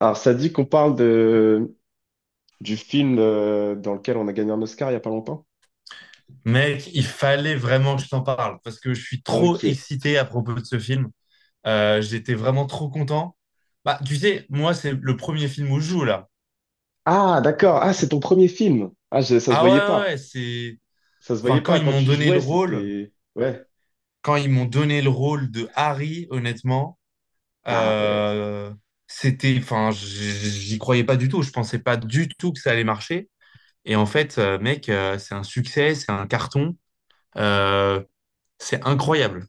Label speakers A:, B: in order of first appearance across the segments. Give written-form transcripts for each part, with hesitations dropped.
A: Alors, ça dit qu'on parle du film dans lequel on a gagné un Oscar il n'y a pas longtemps?
B: Mec, il fallait vraiment que je t'en parle parce que je suis trop
A: Ok.
B: excité à propos de ce film. J'étais vraiment trop content. Bah, tu sais, moi, c'est le premier film où je joue là.
A: Ah, d'accord. Ah, c'est ton premier film. Ça se
B: Ah
A: voyait
B: ouais, ouais,
A: pas.
B: ouais, c'est.
A: Ça se
B: Enfin,
A: voyait pas. Quand tu jouais, c'était... Ouais.
B: quand ils m'ont donné le rôle de Harry, honnêtement,
A: Ah ouais.
B: euh, c'était. J'y croyais pas du tout. Je pensais pas du tout que ça allait marcher. Et en fait, mec, c'est un succès, c'est un carton. Euh, c'est incroyable.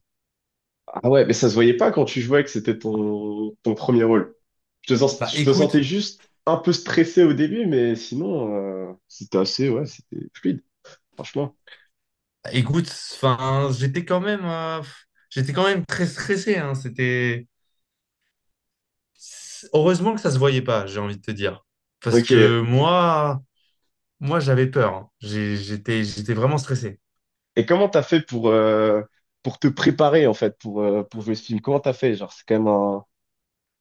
A: Ah ouais, mais ça se voyait pas quand tu jouais que c'était ton premier rôle.
B: Bah,
A: Je te sentais
B: écoute.
A: juste un peu stressé au début, mais sinon, c'était assez... Ouais, c'était fluide, franchement.
B: Écoute, enfin, j'étais quand même très stressé, hein. C'était heureusement que ça se voyait pas, j'ai envie de te dire, parce
A: Ok.
B: que moi, j'avais peur, hein. J'étais vraiment stressé.
A: Et comment t'as fait pour te préparer, en fait, pour jouer ce film? Comment t'as fait? Genre, c'est quand même un...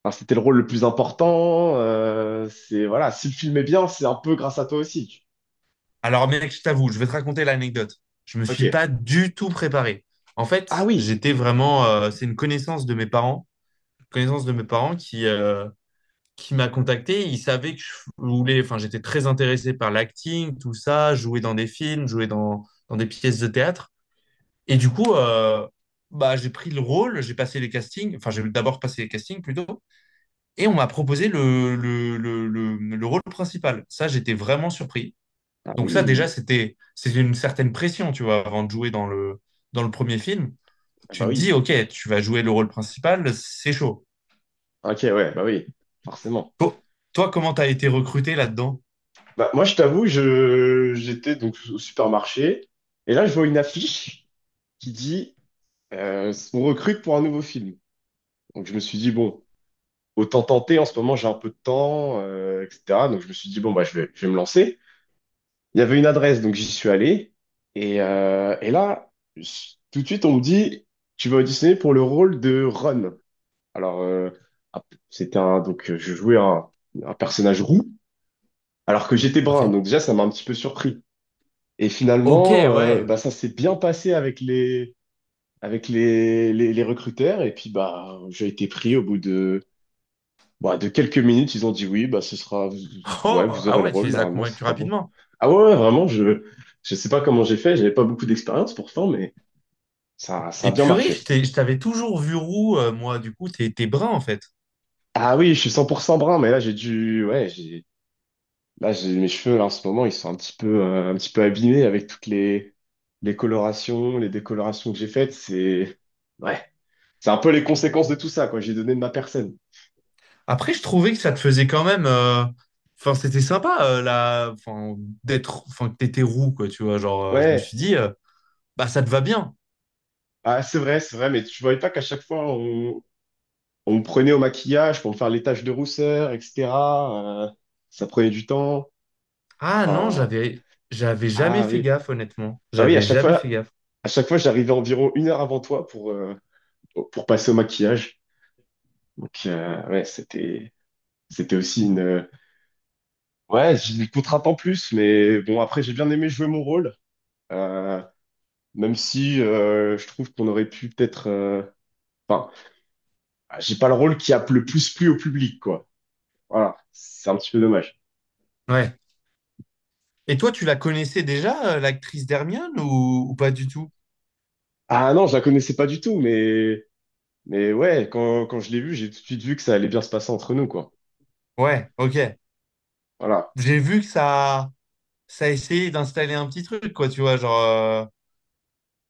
A: Enfin, c'était le rôle le plus important. C'est voilà, si le film est bien, c'est un peu grâce à toi aussi.
B: Alors, mec, je t'avoue, je vais te raconter l'anecdote. Je me
A: Ok.
B: suis pas du tout préparé. En
A: Ah
B: fait,
A: oui,
B: c'est une connaissance de mes parents qui m'a contacté. Ils savaient que je voulais, enfin, j'étais très intéressé par l'acting, tout ça, jouer dans des films, jouer dans des pièces de théâtre. Et du coup, bah, j'ai pris le rôle, j'ai passé les castings, enfin, j'ai d'abord passé les castings plutôt, et on m'a proposé le rôle principal. Ça, j'étais vraiment surpris.
A: ah
B: Donc, ça, déjà,
A: oui,
B: c'était une certaine pression, tu vois, avant de jouer dans dans le premier film.
A: ah
B: Tu
A: bah
B: te dis,
A: oui.
B: OK, tu vas jouer le rôle principal, c'est chaud.
A: Ok, ouais, bah oui, forcément.
B: To- Toi, comment t'as été recruté là-dedans?
A: Bah, moi, je t'avoue, je j'étais donc au supermarché et là, je vois une affiche qui dit on recrute pour un nouveau film. Donc, je me suis dit bon, autant tenter. En ce moment, j'ai un peu de temps, etc. Donc, je me suis dit bon, bah, je vais me lancer. Il y avait une adresse, donc j'y suis allé. Et là, tout de suite, on me dit, tu vas auditionner pour le rôle de Ron. Alors, ah, c'était donc je jouais un personnage roux, alors que j'étais
B: Ok.
A: brun. Donc déjà, ça m'a un petit peu surpris. Et
B: Ok,
A: finalement,
B: ouais.
A: bah, ça s'est bien passé avec les recruteurs. Et puis, bah, j'ai été pris au bout de quelques minutes, ils ont dit oui, bah, ce sera, ouais,
B: Oh,
A: vous
B: ah
A: aurez le
B: ouais, tu
A: rôle,
B: les as
A: normalement, ce
B: convaincus
A: sera bon.
B: rapidement.
A: Ah ouais, ouais, vraiment, je sais pas comment j'ai fait, j'avais pas beaucoup d'expérience pourtant, mais ça a
B: Et
A: bien
B: purée,
A: marché.
B: je t'avais toujours vu roux, moi, du coup, t'es brun en fait.
A: Ah oui, je suis 100% brun, mais là, j'ai dû, ouais, j'ai, là, j'ai mes cheveux, là, en ce moment, ils sont un petit peu abîmés avec toutes les colorations, les décolorations que j'ai faites, c'est, ouais, c'est un peu les conséquences de tout ça, quoi, j'ai donné de ma personne.
B: Après, je trouvais que ça te faisait quand même, euh. Enfin, c'était sympa, la... enfin, d'être. Enfin, que t'étais roux, quoi, tu vois. Genre, je me
A: Ouais,
B: suis dit, bah, ça te va bien.
A: ah, c'est vrai, mais tu voyais pas qu'à chaque fois, on me prenait au maquillage pour me faire les taches de rousseur, etc. euh, Ça prenait du temps.
B: Ah non,
A: Enfin,
B: j'avais jamais
A: ah
B: fait
A: oui.
B: gaffe, honnêtement.
A: Bah oui, à
B: J'avais
A: chaque
B: jamais
A: fois,
B: fait gaffe.
A: à chaque fois, j'arrivais environ 1 heure avant toi pour passer au maquillage. Donc, ouais, c'était aussi une, ouais, j'ai une contrainte en plus, mais bon, après, j'ai bien aimé jouer mon rôle. Euh, Même si, je trouve qu'on aurait pu peut-être, enfin, j'ai pas le rôle qui a le plus plu au public, quoi. Voilà. C'est un petit peu dommage.
B: Ouais. Et toi, tu la connaissais déjà, l'actrice d'Hermione, ou pas du tout?
A: Ah non, je la connaissais pas du tout, mais ouais, quand je l'ai vu, j'ai tout de suite vu que ça allait bien se passer entre nous, quoi.
B: Ouais, ok.
A: Voilà.
B: J'ai vu que ça... ça a essayé d'installer un petit truc, quoi, tu vois. Genre,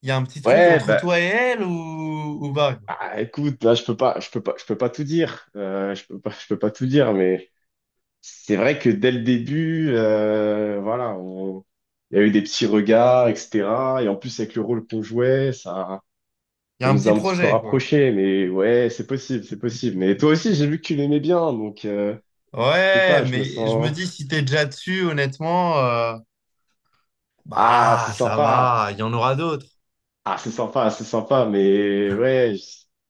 B: il y a un petit truc
A: Ouais,
B: entre
A: bah,
B: toi et elle, ou pas, quoi.
A: ah, écoute, là, je peux pas, je peux pas, je peux pas tout dire. Je peux pas tout dire, mais c'est vrai que dès le début, voilà, il y a eu des petits regards, etc. Et en plus, avec le rôle qu'on jouait, ça,
B: Il y
A: ça
B: a un
A: nous a
B: petit
A: un petit peu
B: projet, quoi.
A: rapprochés. Mais ouais, c'est possible, c'est possible. Mais toi aussi, j'ai vu que tu l'aimais bien, donc je sais
B: Ouais,
A: pas, je me
B: mais je me
A: sens.
B: dis, si t'es déjà dessus, honnêtement,
A: Ah, c'est
B: bah, ça
A: sympa.
B: va, il y en aura d'autres.
A: Ah, c'est sympa, mais ouais. Je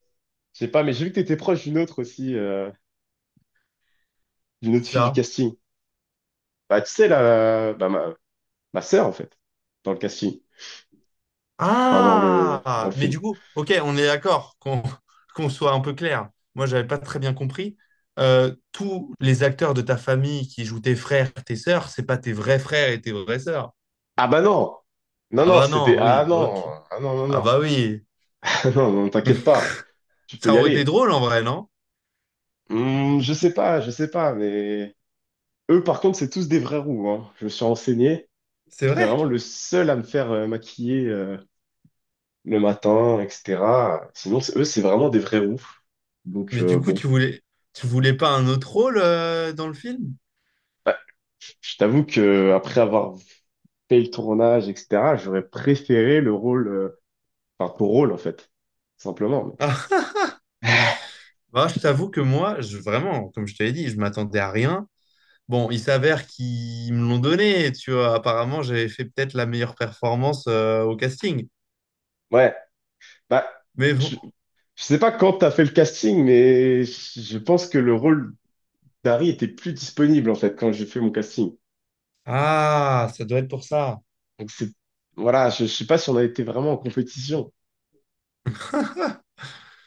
A: sais pas, mais j'ai vu que t'étais proche d'une autre aussi, d'une autre
B: C'est
A: fille du
B: ça.
A: casting. Bah, tu sais, bah, ma sœur, en fait, dans le casting. Enfin, dans le
B: Ah, mais
A: film.
B: du coup, ok, on est d'accord qu'on qu'on soit un peu clair. Moi, j'avais pas très bien compris. Tous les acteurs de ta famille qui jouent tes frères, tes sœurs, c'est pas tes vrais frères et tes vraies sœurs.
A: Ah bah non! Non,
B: Ah
A: non,
B: bah
A: c'était...
B: non,
A: Ah
B: oui,
A: non!
B: ok.
A: Ah non, non,
B: Ah
A: non.
B: bah oui.
A: Ah non, non, t'inquiète pas. Tu peux
B: Ça
A: y
B: aurait été
A: aller.
B: drôle en vrai, non?
A: Hmm, je sais pas, mais... Eux, par contre, c'est tous des vrais roux, hein. Je me suis renseigné.
B: C'est
A: J'étais
B: vrai.
A: vraiment le seul à me faire maquiller le matin, etc. Sinon, eux, c'est vraiment des vrais roux. Donc,
B: Mais du coup,
A: bon.
B: tu voulais pas un autre rôle, dans le film?
A: Bah, je t'avoue que après avoir fait le tournage, etc., j'aurais préféré le rôle, enfin ton rôle en fait, simplement.
B: Bah, je t'avoue que moi, je, vraiment, comme je te l'ai dit, je m'attendais à rien. Bon, il s'avère qu'ils me l'ont donné, tu vois. Apparemment, j'avais fait peut-être la meilleure performance, au casting.
A: Ouais, bah,
B: Mais bon.
A: je, je sais pas quand t'as fait le casting, mais je pense que le rôle d'Harry était plus disponible en fait quand j'ai fait mon casting.
B: Ah, ça doit être pour ça.
A: Donc c'est, voilà, je sais pas si on a été vraiment en compétition.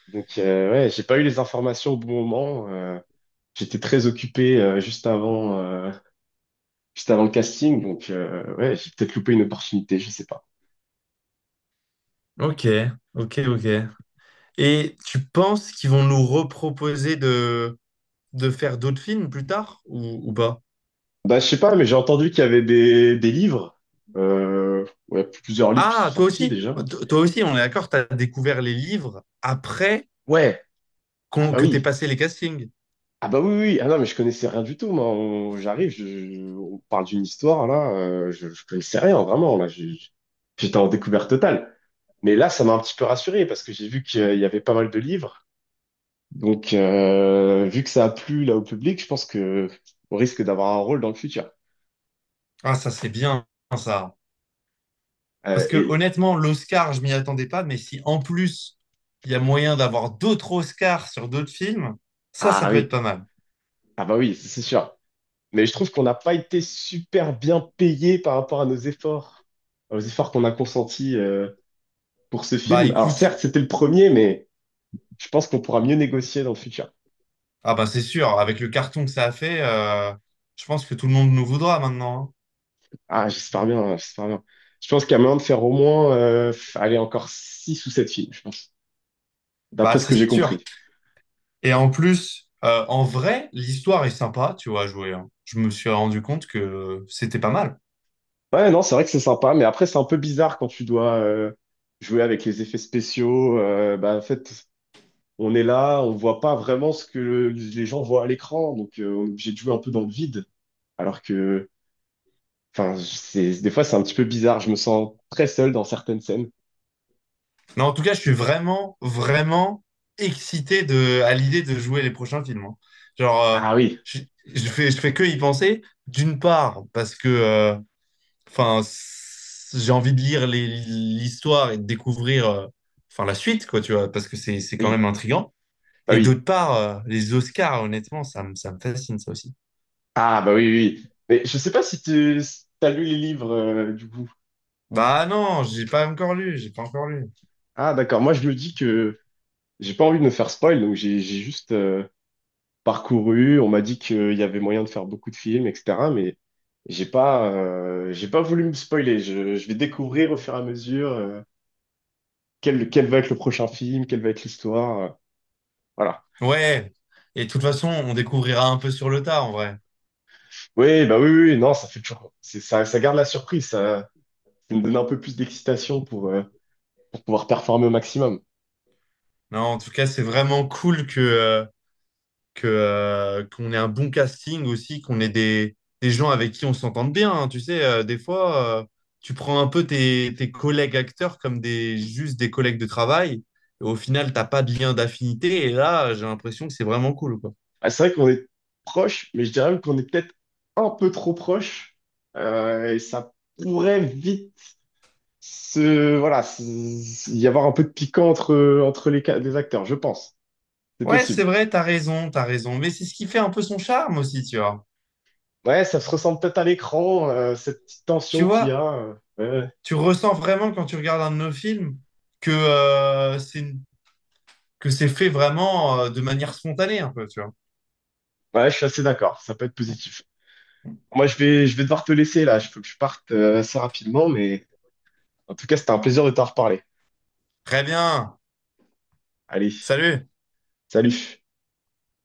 A: Donc ouais, j'ai pas eu les informations au bon moment. J'étais très occupé juste avant le casting, donc ouais, j'ai peut-être loupé une opportunité, je sais pas.
B: Ok, ok, ok. Et tu penses qu'ils vont nous reproposer de faire d'autres films plus tard ou pas?
A: Bah, je sais pas, mais j'ai entendu qu'il y avait des livres. Ouais, plusieurs livres qui sont
B: Ah, toi
A: sortis
B: aussi?
A: déjà.
B: Toi aussi, on est d'accord, t'as découvert les livres après
A: Ouais. Ah bah
B: que t'aies
A: oui.
B: passé les castings.
A: Ah bah oui, oui, oui. Ah non, mais je connaissais rien du tout, moi. J'arrive, on parle d'une histoire, là. Je connaissais rien, vraiment. Là, j'étais en découverte totale. Mais là, ça m'a un petit peu rassuré parce que j'ai vu qu'il y avait pas mal de livres. Donc, vu que ça a plu là au public, je pense que on risque d'avoir un rôle dans le futur.
B: Ah, ça, c'est bien, ça. Parce que
A: Et...
B: honnêtement, l'Oscar, je m'y attendais pas, mais si en plus il y a moyen d'avoir d'autres Oscars sur d'autres films, ça
A: Ah
B: peut être
A: oui.
B: pas mal.
A: Ah bah oui, c'est sûr. Mais je trouve qu'on n'a pas été super bien payé par rapport à nos efforts. Enfin, aux efforts qu'on a consentis pour ce
B: Bah
A: film. Alors
B: écoute,
A: certes, c'était le premier, mais je pense qu'on pourra mieux négocier dans le futur.
B: ah bah c'est sûr, avec le carton que ça a fait, je pense que tout le monde nous voudra maintenant, hein.
A: Ah, j'espère bien, hein, j'espère bien. Je pense qu'il y a moyen de faire au moins, allez, encore six ou sept films, je pense, d'après
B: Bah
A: ce que j'ai
B: c'est sûr.
A: compris.
B: Et en plus, en vrai, l'histoire est sympa, tu vois, à jouer, hein. Je me suis rendu compte que c'était pas mal.
A: Ouais, non, c'est vrai que c'est sympa, mais après, c'est un peu bizarre quand tu dois jouer avec les effets spéciaux. Bah, en fait, on est là, on voit pas vraiment ce que les gens voient à l'écran, donc on est obligé de jouer un peu dans le vide. Alors que Enfin, c'est, des fois, c'est un petit peu bizarre. Je me sens très seul dans certaines scènes.
B: Non, en tout cas, je suis vraiment, vraiment excité de, à l'idée de jouer les prochains films, hein. Genre,
A: Ah oui,
B: je, je fais que y penser. D'une part, parce que, j'ai envie de lire l'histoire et de découvrir, enfin, la suite, quoi, tu vois, parce que c'est quand
A: oui,
B: même intriguant.
A: bah
B: Et
A: oui.
B: d'autre part, les Oscars, honnêtement, ça me fascine, ça aussi.
A: Ah bah oui, oui. Mais je sais pas si tu as lu les livres, du coup.
B: Bah non, j'ai pas encore lu.
A: Ah d'accord, moi je me dis que j'ai pas envie de me faire spoil, donc j'ai juste parcouru. On m'a dit qu'il y avait moyen de faire beaucoup de films, etc. Mais j'ai pas voulu me spoiler. Je vais découvrir au fur et à mesure quel va être le prochain film, quelle va être l'histoire. Voilà.
B: Ouais. Et de toute façon, on découvrira un peu sur le tas, en vrai.
A: Oui, bah oui, oui, oui, non, ça fait toujours. Ça, ça garde la surprise. Ça me donne un peu plus d'excitation pour pouvoir performer au maximum.
B: Non, en tout cas, c'est vraiment cool que, qu'on ait un bon casting aussi, qu'on ait des gens avec qui on s'entende bien, hein. Tu sais, des fois, tu prends un peu tes collègues acteurs comme des, juste des collègues de travail. Et au final, t'as pas de lien d'affinité. Et là, j'ai l'impression que c'est vraiment cool, quoi.
A: Ah, c'est vrai qu'on est proche, mais je dirais même qu'on est peut-être un peu trop proche. Et ça pourrait vite y avoir un peu de piquant entre les acteurs, je pense. C'est
B: Ouais, c'est
A: possible.
B: vrai, t'as raison, t'as raison. Mais c'est ce qui fait un peu son charme aussi, tu vois.
A: Ouais, ça se ressent peut-être à l'écran, cette petite
B: Tu
A: tension qu'il y
B: vois,
A: a. Ouais, ouais.
B: tu ressens vraiment quand tu regardes un de nos films que c'est que c'est fait vraiment, de manière spontanée un peu, tu vois.
A: Ouais, je suis assez d'accord, ça peut être positif. Moi, je vais devoir te laisser là, je faut que je parte assez rapidement, mais en tout cas, c'était un plaisir de t'en reparler.
B: Très bien.
A: Allez,
B: Salut.
A: salut.